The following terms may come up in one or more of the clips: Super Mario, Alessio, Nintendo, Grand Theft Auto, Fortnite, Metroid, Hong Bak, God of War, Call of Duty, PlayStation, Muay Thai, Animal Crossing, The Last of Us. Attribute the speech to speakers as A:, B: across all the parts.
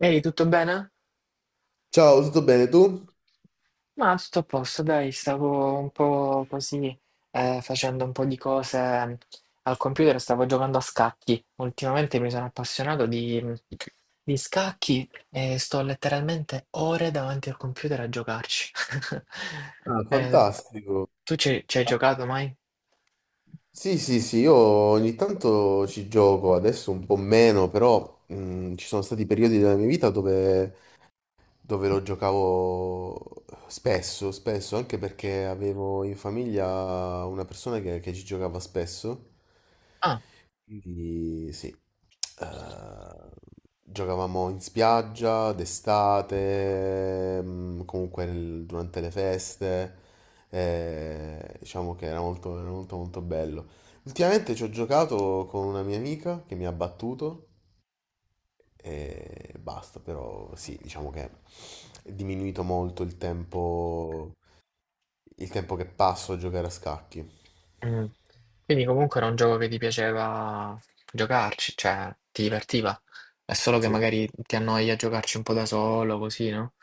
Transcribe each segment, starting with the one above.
A: Ehi, tutto bene?
B: Ciao, tutto bene tu?
A: Ma tutto a posto, dai, stavo un po' così facendo un po' di cose al computer, stavo giocando a scacchi. Ultimamente mi sono appassionato di di scacchi e sto letteralmente ore davanti al computer a giocarci.
B: Ah,
A: Eh,
B: fantastico.
A: tu ci hai giocato mai?
B: Sì, sì, sì, io ogni tanto ci gioco, adesso un po' meno, però ci sono stati periodi della mia vita dove, dove lo giocavo spesso, spesso, anche perché avevo in famiglia una persona che ci giocava spesso.
A: Ah,
B: Quindi sì. Eh, Giocavamo in spiaggia d'estate, comunque durante le feste, diciamo che era molto molto bello. Ultimamente ci ho giocato con una mia amica che mi ha battuto e basta, però sì, diciamo che è diminuito molto il tempo che passo a giocare a scacchi.
A: mm. Quindi comunque era un gioco che ti piaceva giocarci, cioè ti divertiva. È solo che
B: Sì.
A: magari ti annoia a giocarci un po' da solo, così, no?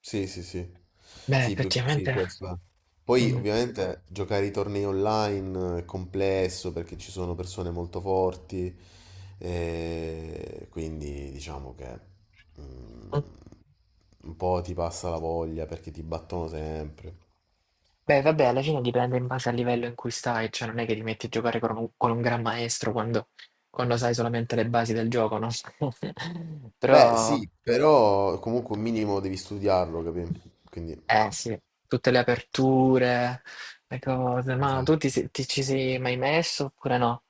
B: Sì, sì, sì.
A: Beh,
B: Sì, più, sì,
A: effettivamente.
B: questo. Poi
A: Mm,
B: ovviamente giocare i tornei online è complesso perché ci sono persone molto forti, e quindi diciamo che mm,
A: mm.
B: un po' ti passa la voglia perché ti battono sempre.
A: Beh, vabbè, alla fine dipende in base al livello in cui stai, cioè non è che ti metti a giocare con un gran maestro quando sai solamente le basi del gioco, no?
B: Beh,
A: Però,
B: sì, però comunque un minimo devi studiarlo, capì? Quindi...
A: eh sì, tutte le aperture, le cose, ma tu
B: Esatto.
A: ti ci sei mai messo oppure no?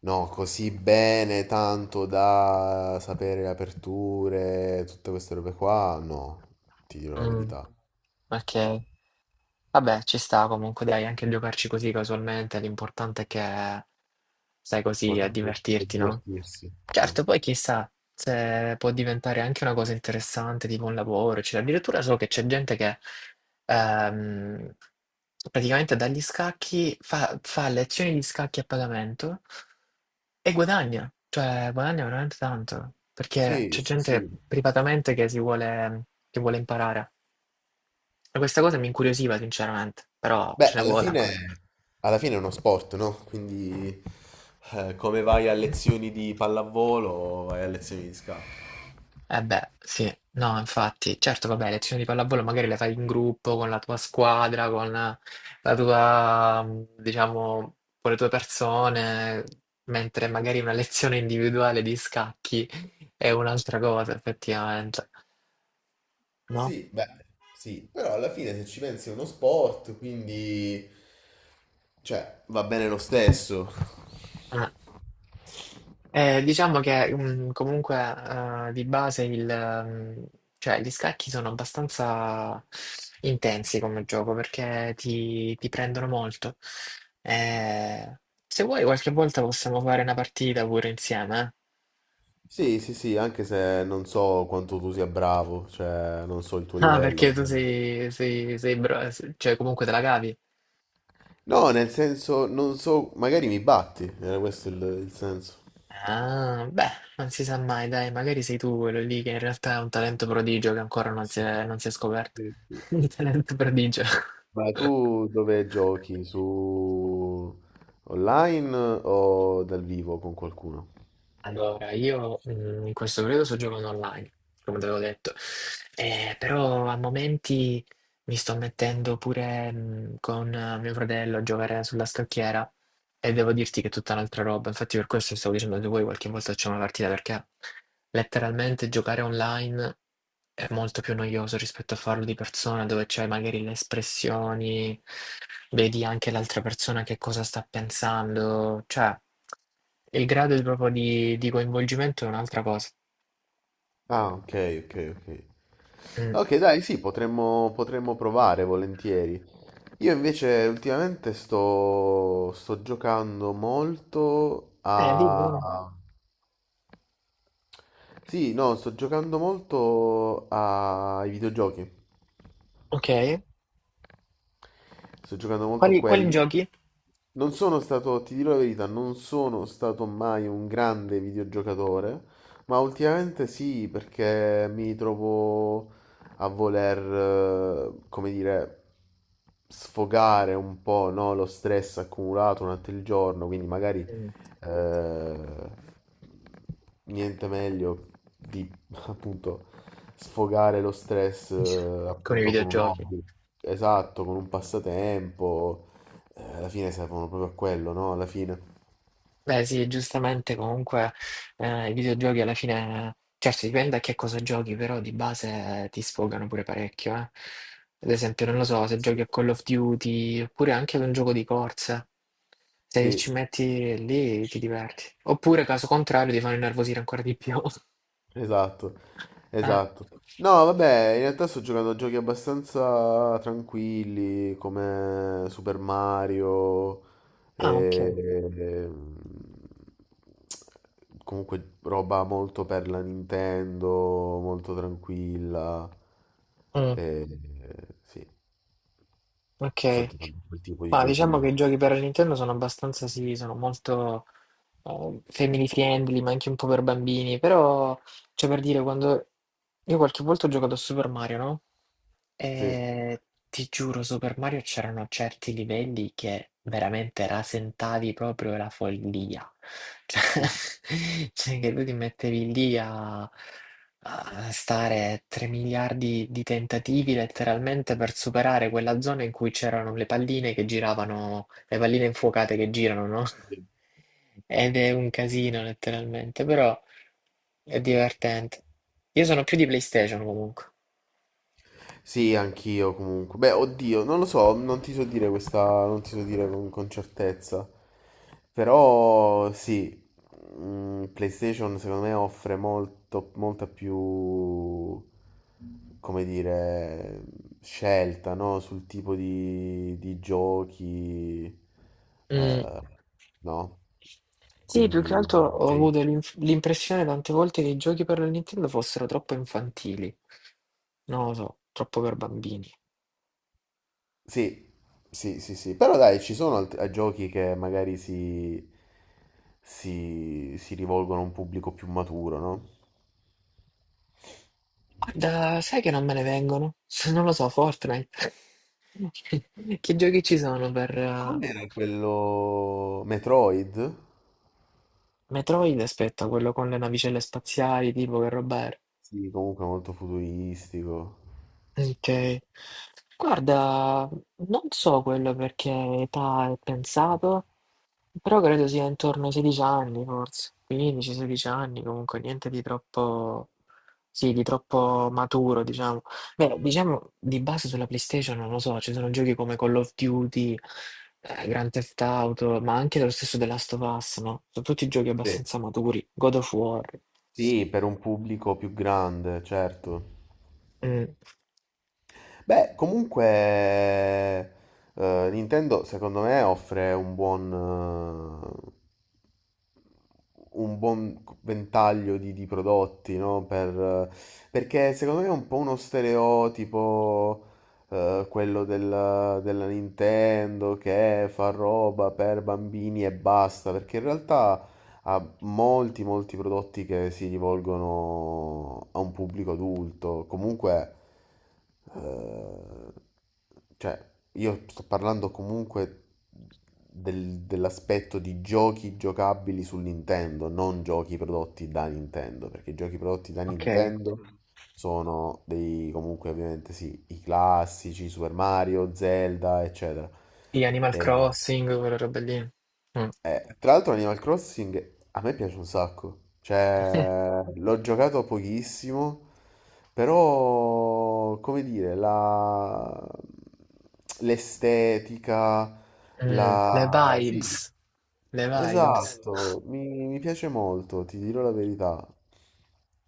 B: No, così bene, tanto da sapere le aperture, tutte queste robe qua, no, ti dirò la
A: Mm,
B: verità.
A: ok. Vabbè, ci sta comunque, dai, anche giocarci così casualmente, l'importante è che stai così a
B: L'importante è
A: divertirti, no?
B: divertirsi.
A: Certo, poi chissà se può diventare anche una cosa interessante, tipo un lavoro, eccetera. Addirittura so che c'è gente che ehm, praticamente dagli scacchi fa lezioni di scacchi a pagamento e guadagna, cioè guadagna veramente tanto, perché
B: Sì,
A: c'è
B: sì, sì,
A: gente
B: sì.
A: privatamente che che vuole imparare. E questa cosa mi incuriosiva sinceramente, però
B: Beh,
A: ce ne vuole ancora.
B: alla fine è uno sport, no? Quindi, come vai a lezioni di pallavolo, vai a lezioni di scacchi.
A: Eh beh, sì, no, infatti, certo, vabbè, lezioni di pallavolo magari le fai in gruppo, con la tua squadra, con la tua, diciamo, con le tue persone, mentre magari una lezione individuale di scacchi è un'altra cosa, effettivamente, no?
B: Sì, beh, sì, però alla fine se ci pensi è uno sport, quindi, cioè, va bene lo stesso.
A: Eh. Diciamo che comunque di base il, cioè, gli scacchi sono abbastanza intensi come gioco perché ti prendono molto. Eh, se vuoi qualche volta possiamo fare una partita pure insieme, eh?
B: Sì, sì, sì, anche se non so quanto tu sia bravo, cioè non so il tuo
A: Ah,
B: livello,
A: perché tu
B: magari.
A: cioè comunque te la cavi.
B: No, nel senso, non so, magari mi batti, era questo il senso.
A: Ah, beh, non si sa mai, dai, magari sei tu quello lì che in realtà è un talento prodigio che ancora non si
B: Sì,
A: è, non si è scoperto.
B: sì, sì,
A: Un
B: sì, sì.
A: talento prodigio.
B: Ma tu dove giochi? Su online o dal vivo con qualcuno?
A: Allora, io in questo periodo sto giocando online, come te avevo detto. Però a momenti mi sto mettendo pure con mio fratello a giocare sulla scacchiera e devo dirti che è tutta un'altra roba. Infatti per questo stavo dicendo a voi qualche volta facciamo una partita perché letteralmente giocare online è molto più noioso rispetto a farlo di persona dove c'hai magari le espressioni, vedi anche l'altra persona che cosa sta pensando, cioè il grado di- proprio di coinvolgimento è un'altra cosa.
B: Ah, ok, ok, ok.
A: Mm.
B: Ok, dai, sì, potremmo, potremmo provare volentieri. Io invece ultimamente sto giocando molto
A: Dimmi, dimmi.
B: a... Sì, no, sto giocando molto ai videogiochi.
A: Ok.
B: Sto giocando molto a
A: Quali, quali
B: quelli.
A: giochi?
B: Non sono stato, ti dirò la verità, non sono stato mai un grande videogiocatore, ma ultimamente sì, perché mi trovo a voler, come dire, sfogare un po', no, lo stress accumulato durante il giorno, quindi magari
A: Mm.
B: eh, niente meglio di appunto sfogare lo stress
A: Con i
B: appunto con un
A: videogiochi.
B: hobby, esatto, con un passatempo. Alla fine servono proprio a quello, no? Alla fine.
A: Beh sì, giustamente comunque i videogiochi alla fine, certo dipende a che cosa giochi, però di base ti sfogano pure parecchio, eh. Ad esempio, non lo so, se giochi
B: Sì.
A: a Call of Duty oppure anche ad un gioco di corsa, se ci
B: Sì.
A: metti lì ti diverti. Oppure, caso contrario, ti fanno innervosire ancora di più.
B: Esatto,
A: Eh.
B: esatto. No, vabbè, in realtà sto giocando a giochi abbastanza tranquilli come Super Mario,
A: Ah,
B: e-
A: ok.
B: e- comunque roba molto per la Nintendo, molto tranquilla.
A: Mm,
B: E, sì, sto
A: ok.
B: giocando a quel tipo di
A: Ma
B: giochi
A: diciamo che
B: lì.
A: i giochi per la Nintendo sono abbastanza, sì, sono molto family friendly, ma anche un po' per bambini, però... Cioè per dire quando io qualche volta ho giocato a Super Mario, no,
B: Sì.
A: ehm, ti giuro Super Mario c'erano certi livelli che veramente rasentavi proprio la follia. Cioè cioè che tu ti mettevi lì a stare 3 miliardi di tentativi letteralmente per superare quella zona in cui c'erano le palline che giravano, le palline infuocate che girano, no, ed è un casino letteralmente, però è divertente. Io sono più di PlayStation comunque.
B: Sì, anch'io comunque. Beh, oddio, non lo so, non ti so dire questa, non ti so dire con certezza. Però sì, PlayStation secondo me offre molto, molta più, come dire, scelta, no? Sul tipo di giochi,
A: Mm.
B: eh, no?
A: Sì, più che
B: Quindi,
A: altro ho
B: cioè,
A: avuto l'impressione tante volte che i giochi per la Nintendo fossero troppo infantili. Non lo so, troppo per bambini.
B: sì, sì, sì, sì, però dai, ci sono giochi che magari si rivolgono a un pubblico più maturo, no?
A: Guarda, sai che non me ne vengono? Non lo so, Fortnite. Che giochi ci sono per
B: Com'era quello Metroid?
A: Metroid? Aspetta, quello con le navicelle spaziali, tipo che roba era?
B: Sì, comunque molto futuristico.
A: Ok. Guarda, non so quello perché età è pensato, però credo sia intorno ai 16 anni, forse 15-16 anni, comunque niente di troppo, sì, di troppo maturo, diciamo. Beh, diciamo di base sulla PlayStation, non lo so, ci sono giochi come Call of Duty, Grand Theft Auto, ma anche lo stesso The Last of Us, no? Sono tutti giochi
B: Sì.
A: abbastanza maturi, God of War.
B: Sì, per un pubblico più grande, certo.
A: Mm.
B: Beh, comunque Nintendo secondo me offre un buon ventaglio di prodotti, no? Perché secondo me è un po' uno stereotipo, quello della Nintendo che fa roba per bambini e basta, perché in realtà ha molti, molti prodotti che si rivolgono a un pubblico adulto. Comunque, eh, cioè, io sto parlando comunque dell'aspetto di giochi giocabili su Nintendo, non giochi prodotti da Nintendo, perché i giochi prodotti da
A: Ok.
B: Nintendo mm, sono dei comunque ovviamente sì, i classici Super Mario, Zelda, eccetera.
A: Sì, Animal
B: E-
A: Crossing, quelle robe lì. Mm.
B: tra l'altro Animal Crossing a me piace un sacco, cioè l'ho giocato pochissimo, però come dire, l'estetica,
A: Mm, le
B: la...
A: vibes,
B: Sì,
A: le vibes.
B: esatto, mi piace molto, ti dirò la verità.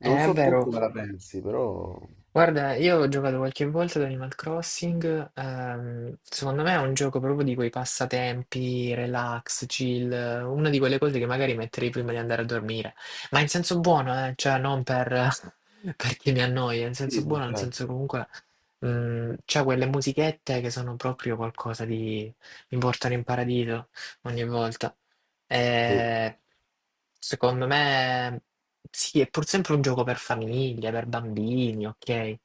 B: Non
A: È
B: so tu
A: vero.
B: come la pensi, però...
A: Guarda, io ho giocato qualche volta ad Animal Crossing, secondo me è un gioco proprio di quei passatempi, relax, chill, una di quelle cose che magari metterei prima di andare a dormire, ma in senso buono, cioè non per, perché mi annoia, in senso
B: Sì, sì,
A: buono, nel senso
B: certo.
A: comunque c'è quelle musichette che sono proprio qualcosa di... mi portano in paradiso ogni volta.
B: Sì.
A: Eh, secondo me sì, è pur sempre un gioco per famiglie, per bambini, ok?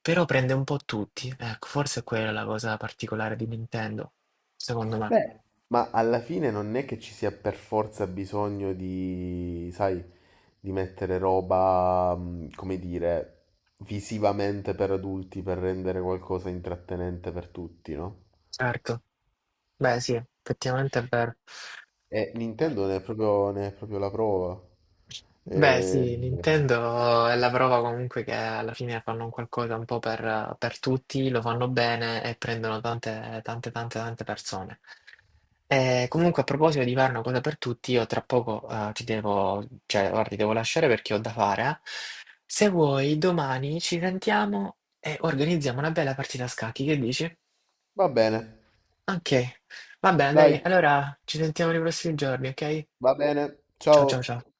A: Però prende un po' tutti. Ecco, forse è quella la cosa particolare di Nintendo, secondo me.
B: Beh, ma alla fine non è che ci sia per forza bisogno di, sai di mettere roba, come dire, visivamente per adulti per rendere qualcosa intrattenente per tutti, no?
A: Certo. Beh, sì, effettivamente è vero.
B: E
A: Eh,
B: Nintendo ne è proprio la prova.
A: Beh,
B: E-
A: sì, Nintendo è la prova comunque che alla fine fanno un qualcosa un po' per tutti, lo fanno bene e prendono tante, tante, tante, tante persone. E
B: sì.
A: comunque, a proposito di fare una cosa per tutti, io tra poco cioè, guarda, ti devo lasciare perché ho da fare. Eh. Se vuoi, domani ci sentiamo e organizziamo una bella partita a scacchi, che dici?
B: Va bene,
A: Ok, va bene, dai,
B: dai,
A: allora ci sentiamo nei prossimi giorni, ok?
B: va bene,
A: Ciao,
B: ciao.
A: ciao, ciao.